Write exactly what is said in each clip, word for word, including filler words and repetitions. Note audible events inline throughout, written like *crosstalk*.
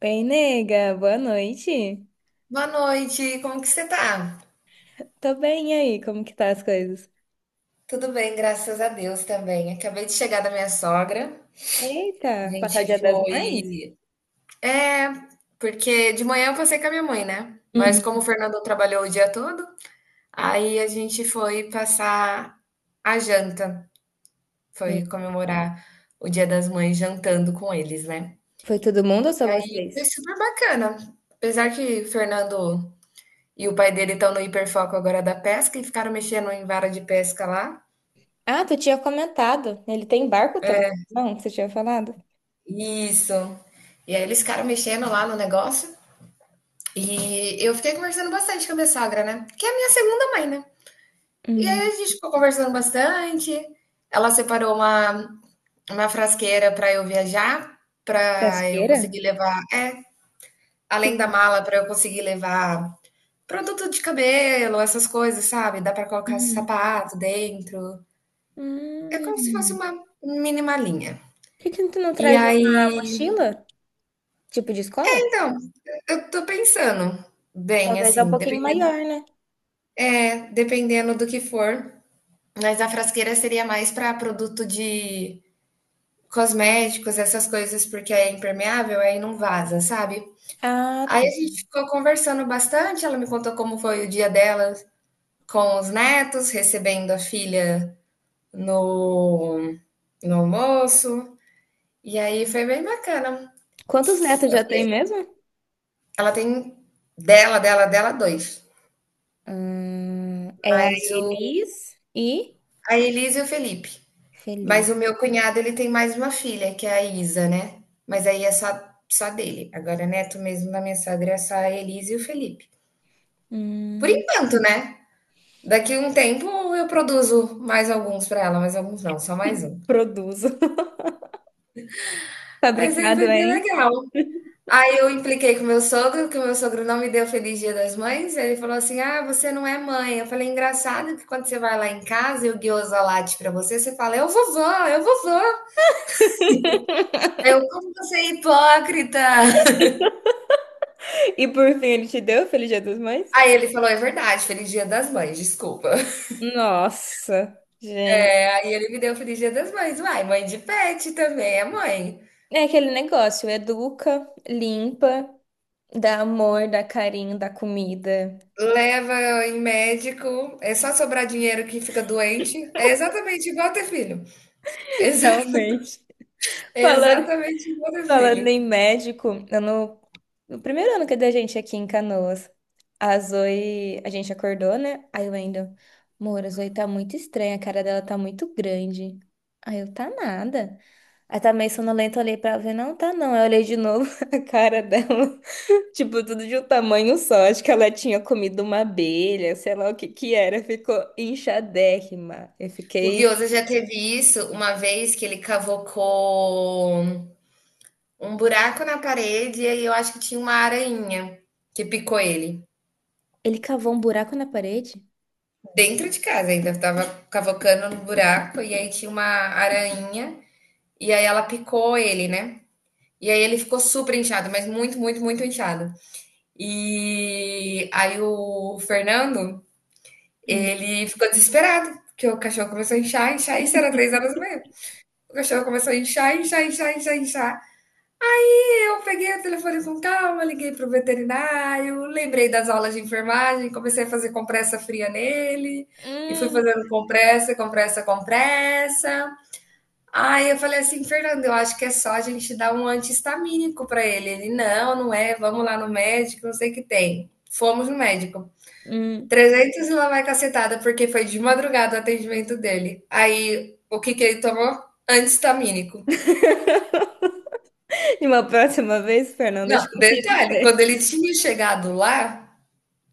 Bem, nega, boa noite. Boa noite, como que você tá? Tô bem, e aí? Como que tá as coisas? Tudo bem, graças a Deus também. Acabei de chegar da minha sogra. A Eita, passar o Dia gente das Mães? foi. É, porque de manhã eu passei com a minha mãe, né? Mas como o Uhum. Fernando trabalhou o dia todo, aí a gente foi passar a janta. Foi E comemorar o Dia das Mães jantando com eles, né? foi todo mundo ou só vocês? Foi super bacana. Apesar que o Fernando e o pai dele estão no hiperfoco agora da pesca e ficaram mexendo em vara de pesca lá. Ah, tu tinha comentado. Ele tem barco também? Não, você tinha falado. Isso. E aí eles ficaram mexendo lá no negócio. E eu fiquei conversando bastante com a minha sogra, né? Que é a minha segunda mãe, né? E aí Hum. a gente ficou conversando bastante. Ela separou uma, uma frasqueira para eu viajar, para eu Pesqueira? conseguir levar, é, Que... além da mala, para eu conseguir levar produto de cabelo, essas coisas, sabe? Dá para colocar Hum. sapato dentro. É como se fosse Hum. uma mini malinha. Por que que tu não E traz aí, uma mochila? Tipo de escola? então, eu tô pensando bem, Talvez é um assim. pouquinho maior, né? É, dependendo do que for. Mas a frasqueira seria mais para produto de cosméticos, essas coisas, porque é impermeável, aí não vaza, sabe? Ah, Aí tá. a gente ficou conversando bastante. Ela me contou como foi o dia dela com os netos, recebendo a filha no, no almoço. E aí foi bem bacana. Quantos netos Eu já tem falei, mesmo? ela tem dela, dela, dela, dois. Hum, é a Mas o, Elis e a Elisa e o Felipe. Mas Felipe. o meu cunhado, ele tem mais uma filha, que é a Isa, né, mas aí é só só dele. Agora neto mesmo da minha sogra é só a Elisa e o Felipe. Por Hum, enquanto, né, daqui um tempo eu produzo mais alguns pra ela, mais alguns não, só mais um. produzo. *laughs* Mas aí Fabricado vai ser em. legal. Aí eu impliquei com o meu sogro, que o meu sogro não me deu feliz dia das mães, ele falou assim: "Ah, você não é mãe". Eu falei: "Engraçado que quando você vai lá em casa e o guiosa late pra você, você fala: "Eu vovó, eu vovó". Aí eu: "Como você é hipócrita". E por fim, ele te deu Feliz Dia das Mães? Aí ele falou: "É verdade, feliz dia das mães, desculpa". *laughs* Nossa, gente. Aí ele me deu feliz dia das mães. Uai, mãe de pet também é mãe. É aquele negócio, educa, limpa, dá amor, dá carinho, dá comida. Leva em médico, é só sobrar dinheiro que fica doente. É exatamente igual ter filho. *laughs* Exa *laughs* Realmente. é Falando exatamente igual ter Falando filho. em médico, eu no, no primeiro ano que da gente aqui em Canoas, a Zoe, a gente acordou, né? Aí o Wendel, amor, a Zoe tá muito estranha, a cara dela tá muito grande. Aí eu, tá nada. Aí tá meio sonolenta, eu olhei pra ela, e falei, não, tá não. Aí eu olhei de novo *laughs* a cara dela, *laughs* tipo, tudo de um tamanho só. Acho que ela tinha comido uma abelha, sei lá o que que era, ficou inchadérrima. Eu O fiquei... Guioza já teve isso uma vez que ele cavocou um buraco na parede e aí eu acho que tinha uma aranha que picou ele. Ele cavou um buraco na parede? Dentro de casa ainda. Tava cavocando no buraco e aí tinha uma aranha. E aí ela picou ele, né? E aí ele ficou super inchado, mas muito, muito, muito inchado. E aí o Fernando, Hum. ele ficou desesperado, porque o cachorro começou a inchar, inchar, isso era três horas e meia. O cachorro começou a inchar, inchar, inchar, inchar, inchar. E eu peguei o telefone com calma, liguei pro veterinário, lembrei das aulas de enfermagem, comecei a fazer compressa fria nele, e fui fazendo compressa, compressa, compressa. Aí eu falei assim, Fernando, eu acho que é só a gente dar um anti-histamínico para ele. Ele, não, não é, vamos lá no médico, não sei o que tem. Fomos no médico. Hum. Trezentos e lá vai cacetada, porque foi de madrugada o atendimento dele. Aí, o que que ele tomou? Anti-histamínico. *laughs* E uma próxima vez, Fernanda, Não, acho que eu confio em detalhe, quando você. ele tinha chegado lá,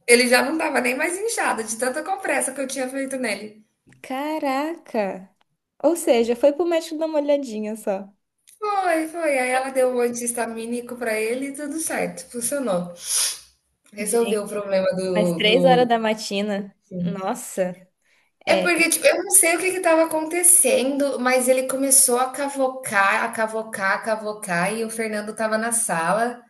ele já não tava nem mais inchado, de tanta compressa que eu tinha feito nele. Caraca! Ou seja, foi pro médico dar uma olhadinha só. Foi, foi. Aí ela deu um anti-histamínico para ele e tudo certo, funcionou. Resolveu o Gente, problema do, mas do, três horas da matina. Nossa, é é. porque, tipo, eu não sei o que que estava acontecendo, mas ele começou a cavocar, a cavocar, a cavocar, e o Fernando estava na sala.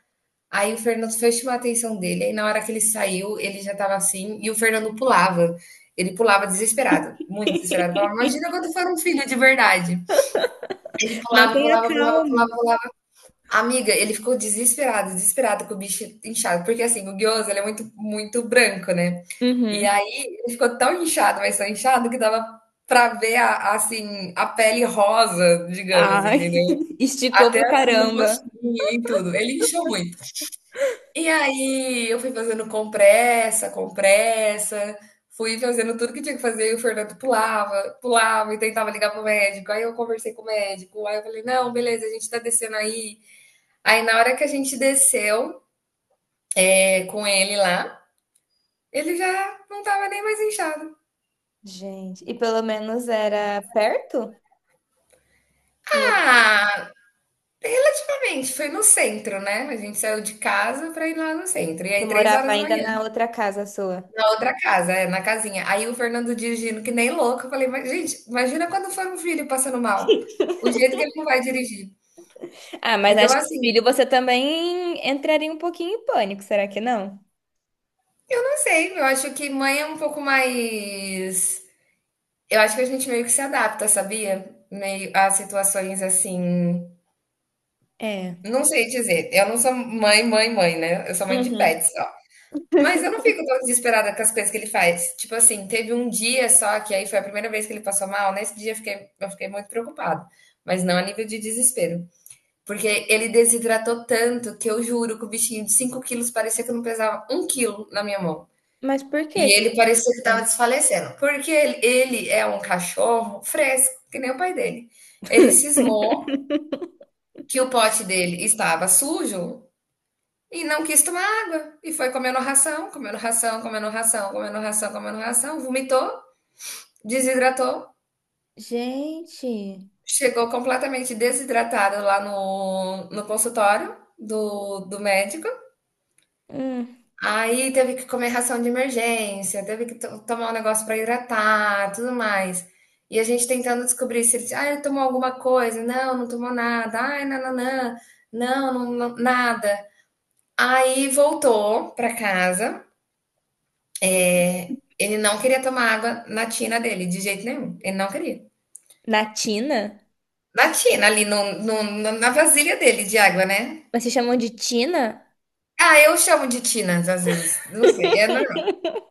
Aí o Fernando foi chamar a atenção dele, aí na hora que ele saiu, ele já estava assim, e o Fernando pulava. Ele pulava desesperado, muito desesperado. Falava, imagina *laughs* quando for um filho de verdade. Ele pulava, Mantenha pulava, pulava, calma. pulava, pulava. Amiga, ele ficou desesperado, desesperado com o bicho inchado, porque assim, o gyoza, ele é muito, muito branco, né? E Uhum. aí ele ficou tão inchado, mas tão inchado que dava pra ver a, assim, a pele rosa, digamos, Ai, entendeu? *laughs* esticou pra Até assim no caramba. rostinho e tudo. Ele inchou muito. E aí eu fui fazendo compressa, compressa, fui fazendo tudo que tinha que fazer, e o Fernando pulava, pulava e tentava ligar pro médico. Aí eu conversei com o médico, aí eu falei, não, beleza, a gente tá descendo aí. Aí na hora que a gente desceu é, com ele lá, ele já não tava nem mais inchado. Gente, e pelo menos era perto? O local Ah, realmente, foi no centro, né? A gente saiu de casa pra ir lá no centro. E que tu aí, três morava horas da ainda manhã, na outra casa sua. na outra casa, é, na casinha. Aí o Fernando dirigindo que nem louco. Eu falei, mas, gente, imagina quando for um filho passando mal. O jeito que ele não vai dirigir. Ah, mas Então, acho que assim, filho, você também entraria um pouquinho em pânico, será que não? eu não sei. Eu acho que mãe é um pouco mais. Eu acho que a gente meio que se adapta, sabia? Meio a situações assim. É. Não sei dizer, eu não sou mãe, mãe, mãe, né, eu sou mãe de Uhum. pet só. Mas eu não fico tão desesperada com as coisas que ele faz. Tipo assim, teve um dia só que aí foi a primeira vez que ele passou mal, nesse dia eu fiquei eu fiquei muito preocupada, mas não a nível de desespero, porque ele desidratou tanto que eu juro que o bichinho de cinco quilos parecia que não pesava um quilo na minha mão. Mas por que E que ele parecia que estava então? desfalecendo, porque ele ele é um cachorro fresco, que nem o pai dele. Ele cismou *laughs* que o pote dele estava sujo e não quis tomar água. E foi comendo ração, comendo ração, comendo ração, comendo ração, comendo ração. Vomitou, desidratou. Gente, Chegou completamente desidratado lá no, no consultório do, do médico. hum. Aí teve que comer ração de emergência, teve que to- tomar um negócio para hidratar, tudo mais. E a gente tentando descobrir se ele, ah, ele tomou alguma coisa. Não, não tomou nada. Ai, nananã. Não, não, não, nada. Aí voltou para casa. É, ele não queria tomar água na tina dele, de jeito nenhum. Ele não queria. Na Tina? Na tina, ali no, no- no- na vasilha dele de água, né? Mas se chamam de Tina? Ah, eu chamo de tinas às vezes. Não sei. É normal.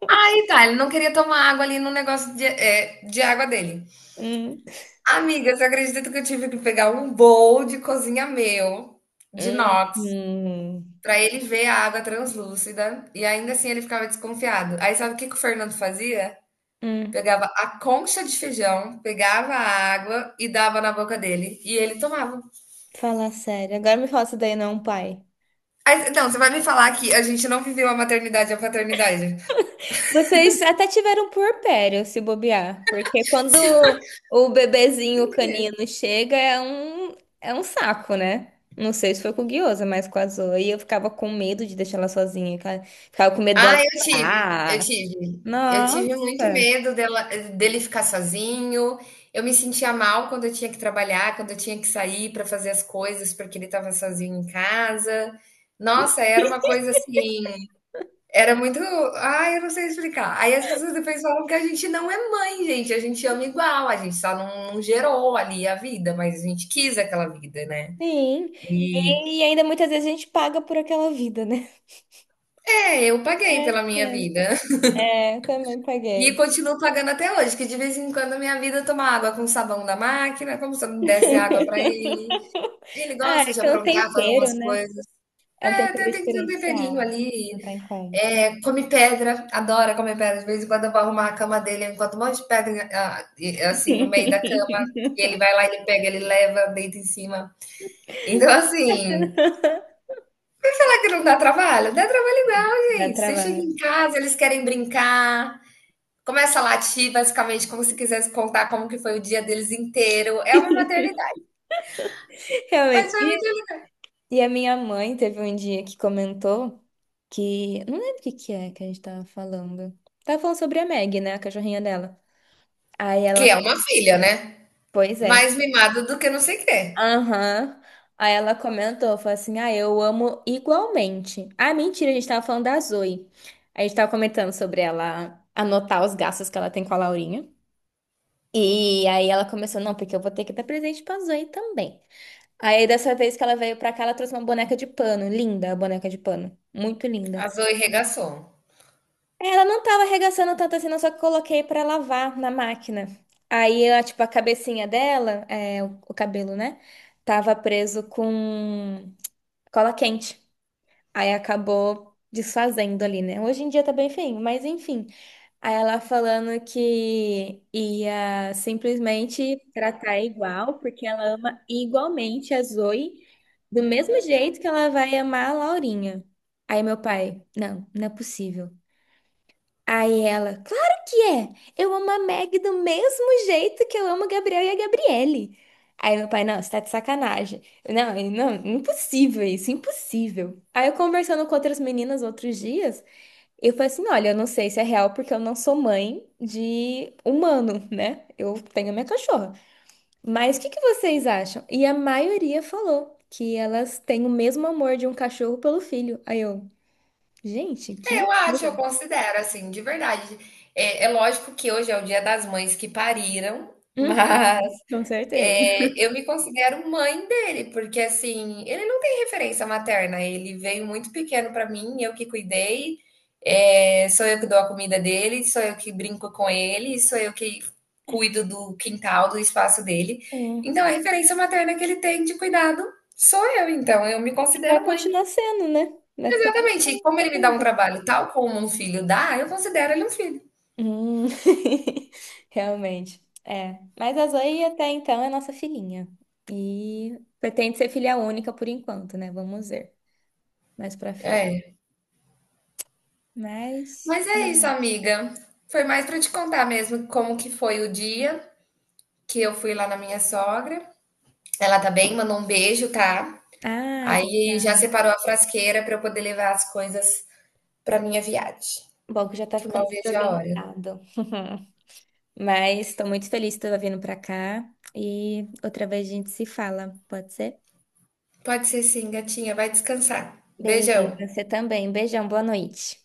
Aí tá, ele não queria tomar água ali no negócio de, é, de água dele. Hum. Amiga, você acredita que eu tive que pegar um bowl de cozinha meu, de Hum. inox, Hum. pra ele ver a água translúcida? E ainda assim ele ficava desconfiado. Aí sabe o que que o Fernando fazia? Hum. Pegava a concha de feijão, pegava a água e dava na boca dele. E ele tomava. Fala sério. Agora me fala se daí não é um pai. Aí, não, você vai me falar que a gente não viveu a maternidade e a paternidade. Vocês até tiveram puerpério, se bobear, porque quando o bebezinho É. canino chega é um, é um saco, né? Não sei se foi com o guiosa, mas com a Zoe. E eu ficava com medo de deixar ela sozinha, cara. Ficava com medo dela Ah, eu tive, eu chorar. tive. Eu tive muito Nossa, medo dela, dele ficar sozinho. Eu me sentia mal quando eu tinha que trabalhar, quando eu tinha que sair para fazer as coisas, porque ele estava sozinho em casa. Nossa, era uma coisa assim. Era muito, ai, eu não sei explicar. Aí as pessoas depois falam que a gente não é mãe, gente, a gente ama igual, a gente só não não gerou ali a vida, mas a gente quis aquela vida, né. sim. E E, e ainda muitas vezes a gente paga por aquela vida, né? é, eu paguei É, pela minha é, vida *laughs* É, eu também e paguei. continuo pagando até hoje, que de vez em quando a minha vida toma água com sabão da máquina, como se eu não desse água pra ele. *laughs* Ele Ah, é gosta de que é um aprontar, fazer tempero, umas né? coisas. É um É, tempero tem tem que ter um temperinho diferenciado, ali. não tem como. É, come pedra, adora comer pedra. De vez em quando eu vou arrumar a cama dele, eu encontro um monte de pedra, ah, e assim, no meio da cama, e *laughs* ele vai lá, ele pega, ele leva, deita em cima. Então, assim, será que não dá trabalho? Dá trabalho igual, Dá gente. Você chega trabalho. em casa, eles querem brincar, começa a latir, basicamente, como se quisesse contar como que foi o dia deles inteiro. É uma maternidade. Mas Realmente. foi E, muito... e a minha mãe teve um dia que comentou que. Não lembro o que que é que a gente tava falando. Tava falando sobre a Meg, né? A cachorrinha dela. Aí Que é ela. uma filha, né? Pois é. Mais mimada do que não sei o quê. Aham. Aí ela comentou, falou assim: Ah, eu amo igualmente. Ah, mentira, a gente tava falando da Zoe. A gente tava comentando sobre ela anotar os gastos que ela tem com a Laurinha. E aí ela começou, não, porque eu vou ter que dar presente pra Zoe também. Aí, dessa vez que ela veio pra cá, ela trouxe uma boneca de pano. Linda a boneca de pano. Muito linda. A Zoe regaçou. Ela não tava arregaçando tanto assim, não, só que coloquei pra lavar na máquina. Aí, ela, tipo, a cabecinha dela, é, o, o cabelo, né? Tava preso com cola quente. Aí acabou desfazendo ali, né? Hoje em dia tá bem feinho, mas enfim. Aí ela falando que ia simplesmente tratar igual, porque ela ama igualmente a Zoe, do mesmo jeito que ela vai amar a Laurinha. Aí meu pai, não, não é possível. Aí ela, claro que é! Eu amo a Meg do mesmo jeito que eu amo o Gabriel e a Gabriele. Aí meu pai, não, você tá de sacanagem. Eu, Não, eu, não, impossível isso, impossível. Aí eu conversando com outras meninas outros dias. Eu falei assim, olha, eu não sei se é real porque eu não sou mãe de humano, né? Eu tenho a minha cachorra. Mas o que que vocês acham? E a maioria falou que elas têm o mesmo amor de um cachorro pelo filho. Aí eu, gente, que Eu acho, eu loucura. considero, assim, de verdade. É, é lógico que hoje é o Dia das Mães que pariram, *laughs* Uhum, mas com certeza. é, eu me considero mãe dele, porque assim, ele não tem referência materna, ele veio muito pequeno para mim, eu que cuidei, é, sou eu que dou a comida dele, sou eu que brinco com ele, sou eu que cuido do quintal, do espaço dele. É. Então, a referência materna que ele tem de cuidado sou eu, então eu me E vai considero mãe. continuar sendo, né? Até. Exatamente. E como ele me Até dá um acabar. trabalho tal como um filho dá, eu considero ele um filho. Hum. *laughs* Realmente. É. Mas a Zoe até então é nossa filhinha. E pretende ser filha única por enquanto, né? Vamos ver mais pra frente. É. Mas, Mas é isso, beleza. amiga. Foi mais para te contar mesmo como que foi o dia que eu fui lá na minha sogra. Ela tá bem, mandou um beijo, tá? Ai, Aí já obrigada. separou a frasqueira para eu poder levar as coisas para minha viagem, Bom, que já tá que eu mal ficando tudo vejo a hora. organizado. *laughs* Mas tô muito feliz que tu tá vindo pra cá. E outra vez a gente se fala, pode ser? Pode ser sim, gatinha, vai descansar. Beleza, Beijão. você também. Beijão, boa noite.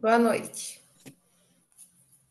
Boa noite.